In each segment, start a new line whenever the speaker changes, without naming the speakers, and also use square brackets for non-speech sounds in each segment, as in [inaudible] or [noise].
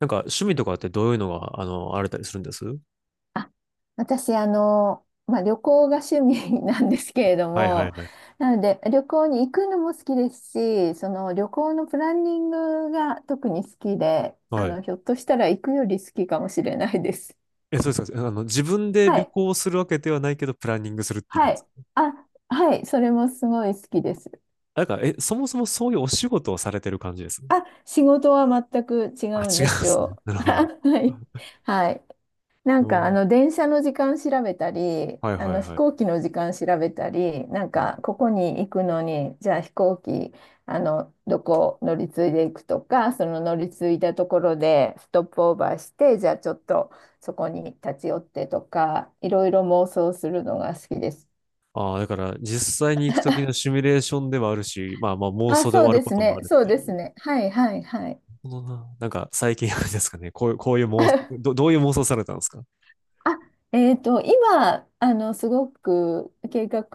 趣味とかってどういうのが、あれたりするんです？
あ、私、旅行が趣味 [laughs] なんですけれど
はいは
も、
いはい。
[laughs] なので、旅行に行くのも好きですし、その旅行のプランニングが特に好きで、
はい。
ひょっとしたら行くより好きかもしれないです。
え、そうですか。自分
[laughs]
で
は
旅
い、
行するわけではないけど、プランニングするって意味
は
です
い。
か？
あ、はい、それもすごい好きです。
そもそもそういうお仕事をされてる感じです？
あ、仕事は全く違
あ、
うん
違う
で
ん
す
ですね。
よ。
[laughs] なる
[laughs]
ほど。
はい、
[laughs]
はい。な
う
んか
ん。
電車の時間調べたり、
はいはい
飛
はい。
行機の時間調べたり、なんかここに行くのに、じゃあ飛行機、どこ乗り継いでいくとか、その乗り継いだところでストップオーバーして、じゃあちょっとそこに立ち寄ってとか、いろいろ妄想するのが好きです。
ああー、だから実際に行くときのシミュレーションではあるし、まあまあ妄
あ、
想で終
そう
わる
で
こ
す
とも
ね、
ある
そ
っ
う
て
で
い
す
う。
ね。はい、はい、はい。
なるほどな。最近あれですかね、こういう、こういう妄想、
[laughs]
どういう妄想されたんですか？
あ、今、すごく計画、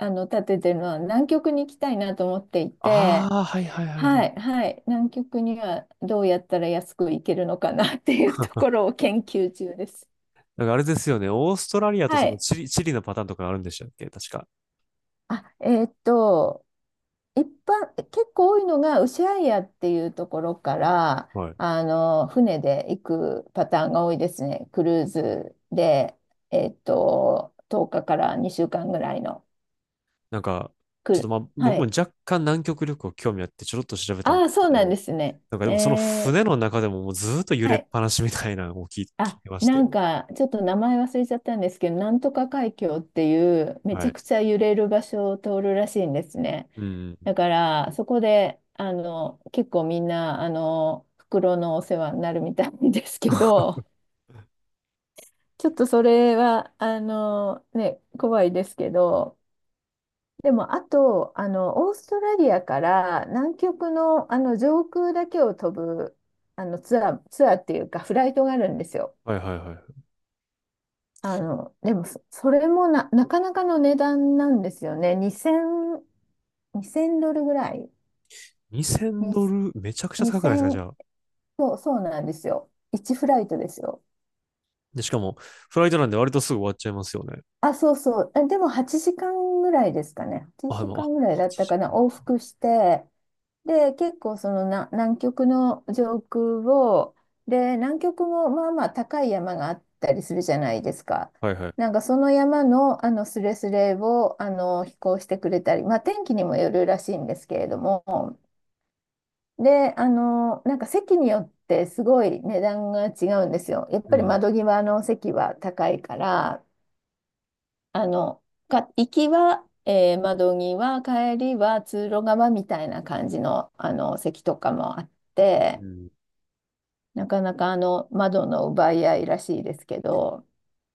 立ててるのは南極に行きたいなと思ってい
あ
て、
あー、はいはいは
は
い。
い、はい、南極にはどうやったら安く行けるのかなっていうところを研究中です。
あれですよね、オーストラリアと
は
その
い。
チリ、チリのパターンとかあるんでしたっけ確か。
あ、一般、結構多いのが、ウシャイヤっていうところから、
はい。
船で行くパターンが多いですね。クルーズで、10日かから2週間ぐらいの。
なんか、
く
ちょっと
る。
まあ、
は
僕も
い。
若干南極旅行興味あってちょろっと調べたん
あ
で
あ、
すけ
そうなん
ど、
ですね。
でもその
えー、
船の中でももうずーっと揺
は
れっ
い。
ぱなしみたいなのを聞い [laughs] 聞い
あ、
てまし
な
て。
んか、ちょっと名前忘れちゃったんですけど、なんとか海峡っていう、めち
は
ゃ
い。
くちゃ揺れる場所を通るらしいんですね。
うん。
だから、そこで、結構みんな、袋のお世話になるみたいですけど、ちょっとそれは、ね、怖いですけど、でも、あと、オーストラリアから南極の、上空だけを飛ぶツアー、ツアーっていうか、フライトがあるんですよ。
はいはいは
でもそれもなかなかの値段なんですよね。2000、にせんドルぐらい。
い。
に
2000ドル、めちゃくちゃ
2
高くないですかじゃ
0、
あ。
そう、そうなんですよ。1フライトですよ。
で、しかも、フライトなんで割とすぐ終わっちゃいますよね。
あ、そうそう。あ、でも8時間ぐらいですかね。
あ、
8
でも、
時
あ、
間ぐらいだっ
8
たか
時
な。
間かん
往
か。
復して、で、結構そのな南極の上空を、で、南極もまあまあ高い山があったりするじゃないですか。
はいはい。
なんかその山の、スレスレを飛行してくれたり、まあ、天気にもよるらしいんですけれども、で、なんか席によってすごい値段が違うんですよ。やっ
う
ぱり
ん。
窓際の席は高いから。あの、行きは、窓際、帰りは通路側みたいな感じの、席とかもあっ
う
て、
ん。
なかなか窓の奪い合いらしいですけど、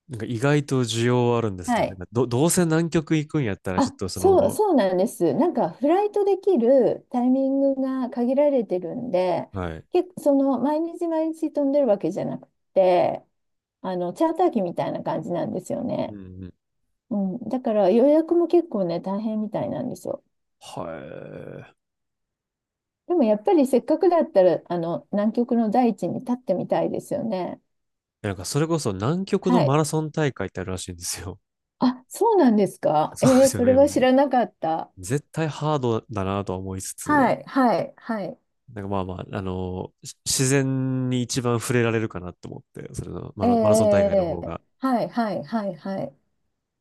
意外と需要はあるんです
は
よね。
い。
どうせ南極行くんやったら、ちょっ
あ、
とそ
そう、
の、
そうなんです。なんかフライトできるタイミングが限られてるんで、
はい。
結構その毎日毎日飛んでるわけじゃなくて、チャーター機みたいな感じなんですよ
うん
ね。
うん。
うん、だから予約も結構ね、大変みたいなんですよ。
は
でもやっぱりせっかくだったら、南極の大地に立ってみたいですよね。
い。それこそ南極の
は
マ
い。
ラソン大会ってあるらしいんですよ。
あ、そうなんです
[laughs]
か。
そうで
えー、
すよ
それ
ね。も
は
う
知らなかった。
絶対ハードだなとは思いつつ、
はい、はい、はい。
まあまあ、あのし自然に一番触れられるかなと思って、それのマ
えー
ラ、マラソン大会の
え
方
ー、えー
が。
はい、はい、はい、はい。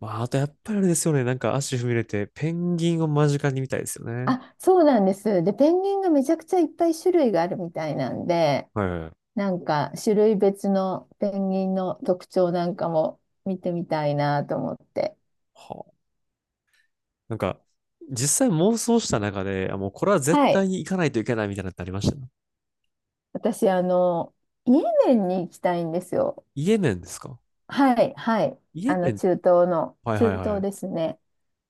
まあ、あとやっぱりあれですよね。足踏み入れて、ペンギンを間近に見たいですよね。
あ、そうなんです。で、ペンギンがめちゃくちゃいっぱい種類があるみたいなんで、
はいはいはい。
なんか種類別のペンギンの特徴なんかも見てみたいなと思って。
はあ。なんか、実際妄想した中で、あ、もうこれは絶
は
対
い。
に行かないといけないみたいなのってありました？
私、イエメンに行きたいんですよ。
イエメンですか？
はい、はい。
イエメン。
中東の、
はい
中
はいは
東
い。
ですね。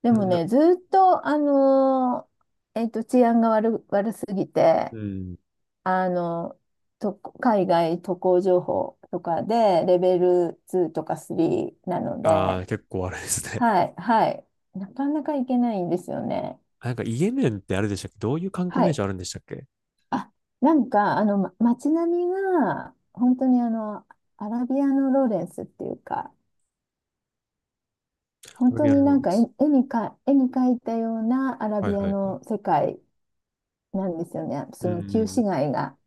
で
な、
も
な、
ね、ずっと、治安が悪すぎ
う
て、
ん。
あの、海外渡航情報とかで、レベル2とか3なの
あ
で、
あ、結構あれですね。
はい、はい。なかなか行けないんですよね。
[laughs] イエメンってあれでしたっけ、どういう観光
は
名
い。
所あるんでしたっけ？
あ、なんか、街並みが、本当にアラビアのローレンスっていうか、
ア
本
ラ
当
ビア
に
ンロ
な
ー
ん
レン
か
ス。
絵に描いたようなアラ
はい
ビア
はいはい。
の世界なんですよね。
う
その旧市
ん。
街が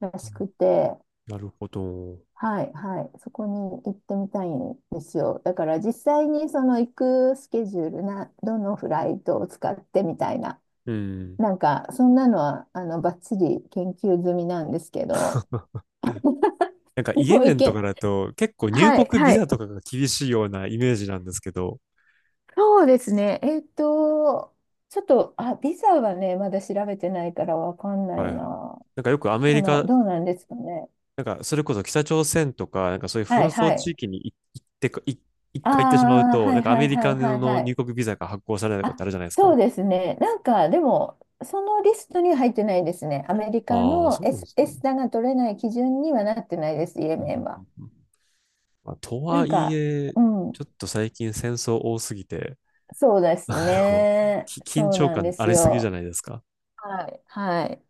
ら
う
し
ん。
くて、
なるほど。
はい、はい、そこに行ってみたいんですよ。だから実際にその行くスケジュールな、どのフライトを使ってみたいな、
うん。
なんかそんなのはバッチリ研究済みなんですけど、
[laughs]
[laughs] で
イエ
も
メ
行
ンとか
け、
だと、結構入
はい、
国ビ
は
ザ
い、
とかが厳しいようなイメージなんですけど、
そうですね。ちょっと、あ、ビザはね、まだ調べてないからわかんな
は
い
いはい。
な。
よくアメリカ、
どうなんですかね。
それこそ北朝鮮とか、そういう紛
はい、
争
は
地
い。
域に行ってか、一
あ
回行ってしまう
あ、
と、
はい、
ア
は
メ
い、
リ
は
カ
い、はい、
の
は
入
い。
国ビザが発行されないことって
あ、
あるじゃないです
そ
か。
うですね。なんか、でも、そのリストには入ってないですね。アメリカ
ああ、
の
そうなんで
S、
すね。
S タが取れない基準にはなってないです、イエ
うん
メ
う
ン
んう
は。
んうん。まあ、と
な
は
ん
い
か、
え、
う
ち
ん、
ょっと最近戦争多すぎて、
そうです
あの、
ね。
緊
そう
張
なん
感
で
あ
す
りすぎじゃ
よ。
ないですか。
はい、はい。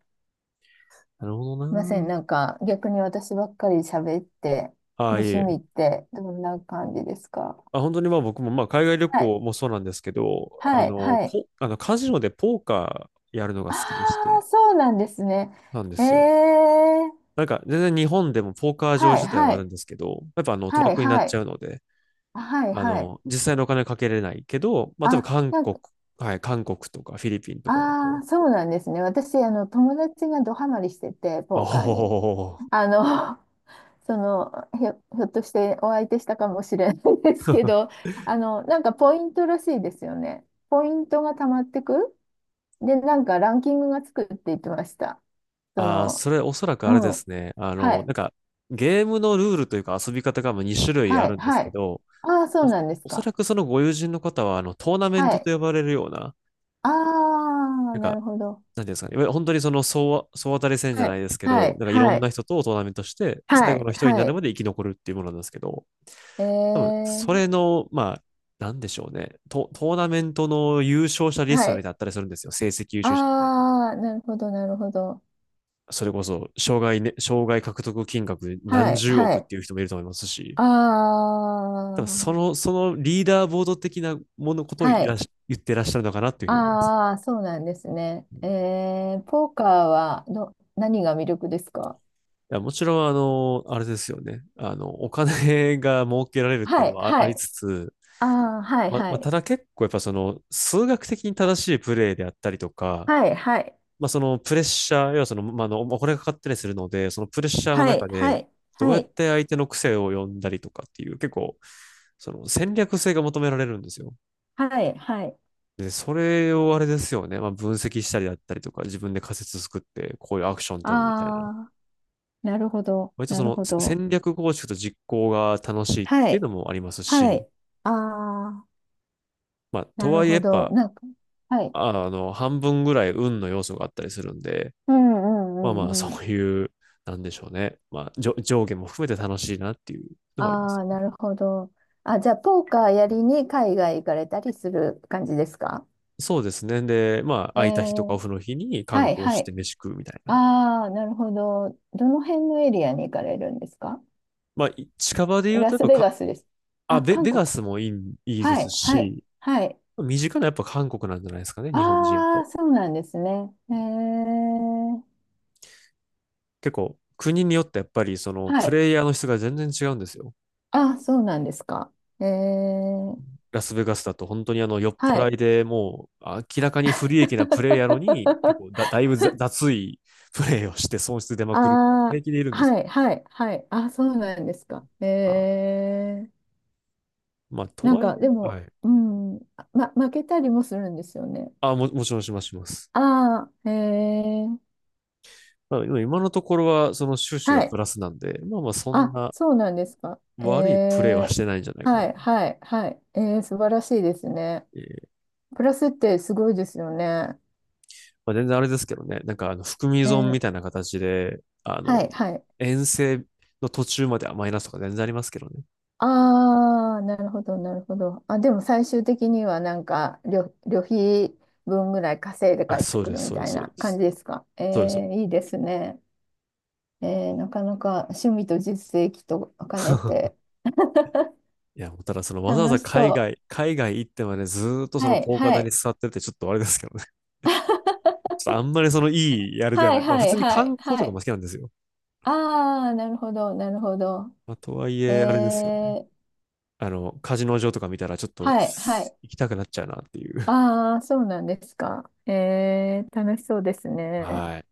なるほど
いませ
な。
ん。なんか逆に私ばっかり喋って、
あ
ご
あ、い
趣味っ
え。
てどんな感じですか？
あ、本当にまあ僕もまあ海外旅
はい。
行もそうなんですけど、あ
はい。
の、
はい。
ポ、あのカジノでポーカーやるのが
あ
好きでし
あ、
て、
そうなんですね。
なんで
え
すよ。
え
全然日本でもポーカー場
はい。
自体は
は
ある
い。
んですけど、やっぱ賭
はい。
博になっ
は
ち
い。
ゃうので、
はい。はい。
実際のお金はかけれないけど、まあ例えば
あ、
韓
なん
国、
か、
はい、韓国とかフィリピンとかだ
あ
と、
あ、そうなんですね。私、友達がドハマりしてて、
お
ポーカーに。
お
あの、[laughs] その、ひょっとしてお相手したかもしれないですけ
ー。 [laughs]
ど、なんかポイントらしいですよね。ポイントがたまってくで、なんかランキングがつくって言ってました。そ
ああ、
の、
それおそらく
う
あれで
ん。
すね。
はい。
ゲームのルールというか遊び方が2種類あ
はい。
るんです
は
け
い。
ど、
ああ、そう
お、
なんです
おそ
か。
らくそのご友人の方は、トーナメン
は
トと
い。
呼ばれるような、
ああ、
なん
な
か、
るほど。
なんていうんですかね。いわゆる本当にその総当たり戦じゃ
は
ない
い。
ですけ
は
ど、
い。
いろ
は
んな
い。
人とトーナメントして、最
は
後
い。
の一人にな
は
る
い。
まで生き残るっていうものなんですけど、
え
多分、そ
ー、
れの、まあ、なんでしょうね。トーナメントの優勝者リス
は
トみたい
い。
なのだったりするんですよ。成績優勝者みたいな。
ああ、なるほど、なるほど。
それこそ、障害獲得金額
は
何
い。
十
は
億っ
い。
ていう人もいると思いますし、
あ
ただそ
あ、
の、そのリーダーボード的なものことを
は
いら
い。
し言ってらっしゃるのかなっていうふうに思います。
ああ、そうなんですね。えー、ポーカーは、何が魅力ですか？
いや、もちろん、あれですよね。お金が儲けられるってい
は
うの
い。
は
は
あり
い。
つつ、
ああ、はい。は
まあ、た
い。
だ結構やっぱその数学的に正しいプレーであったりとか、
はい、はい、
まあ、そのプレッシャー、要はその、お金がかかったりするので、そのプレッシャーの
はい、
中
は
で、
い、
どう
は
やっ
い、
て相手の癖を読んだりとかっていう、結構、その戦略性が求められるんですよ。
はい、はい。
で、それをあれですよね、まあ、分析したりだったりとか、自分で仮説作って、こういうアクション取るみたいな。
あー、なるほど、
割と
な
そ
る
の
ほど。
戦略構築と実行が楽しいっ
は
ていう
い、
のもあります
は
し、
い。あ
まあ、
ー、な
と
る
はいえや
ほ
っ
ど。
ぱ、
なんか、はい。
半分ぐらい運の要素があったりするんで、
うんう
まあ
ん
ま
う
あ、
んう
そ
ん。
ういう、なんでしょうね。まあ、上下も含めて楽しいなっていうのはあります。
あー、なるほど。あ、じゃあ、ポーカーやりに海外行かれたりする感じですか？
そうですね。で、まあ、
え
空いた日とかオ
ー、
フの日に観
はい、
光
は
して
い。
飯食うみたいな。
あー、なるほど。どの辺のエリアに行かれるんですか？
まあ、近場で言う
ラ
と、やっ
ス
ぱ
ベ
か、
ガスです。
あ、
あ、韓
ベ
国。
ガスもいい、いいで
は
す
い、はい、
し、
はい。
身近なやっぱ韓国なんじゃないですかね、日本人や
あ
と。
あ、そうなんですね。えー、
結構、国によってやっぱり、その、
は
プ
い。
レイヤーの質が全然違うんですよ。
あ、そうなんですか。えー、
ラスベガスだと本当にあの酔っ
は
払い
い。
でもう明らかに不利益なプレイやのに結構だ、だ
[laughs]
いぶ雑いプレイをして損失出まくるって
あ
平気でいるん
あ、
ですよ。
はい、はい、はい。あ、そうなんですか。
あ、
えー、
まあ、と
なん
はいえ、
か、で
は
も、
い。
うん、負けたりもするんですよね。
もちろんしますします。
ああ、えー、
ただでも今のところはその収支が
は
プ
い。
ラスなんで、まあまあそん
あ、
な
そうなんですか。え
悪いプレイはし
ー、
てないんじゃないかな。
はい、はい、はい。えー、素晴らしいですね。
えー、
プラスってすごいですよね。
まあ、全然あれですけどね、含み
え
損みたい
ー
な形で、
はい、はい。
遠征の途中まではマイナスとか全然ありますけどね。
ああ、なるほど、なるほど。あ、でも最終的にはなんか旅費分ぐらい稼いで帰
あ、
って
そう
く
で
る
す、
み
そうで
た
す、
い
そう
な
で
感
す。
じですか。え
そうです。
ー、いいですね。えー、なかなか趣味と実績と兼ね
[laughs]
て
いや、もうただそのわざわ
楽
ざ
しそ
海外行ってまでずーっと
う。
その
はい、
ポーカー
は
台に
い。
座ってるってちょっとあれですけどね。[laughs] ちょっとあんまりそのいいあれでは
は
な
い、
い。まあ
は
普
い、
通に
はい、
観光と
は
かも
い。
好きなんですよ。
ああ、なるほど、なるほど。
まあとはい
え
えあれですよね。
ー、
カジノ場とか見たらちょっと
はい、はい。
行きたくなっちゃうなっていう。
ああ、そうなんですか。えー、楽しそうです
[laughs]
ね。
はい。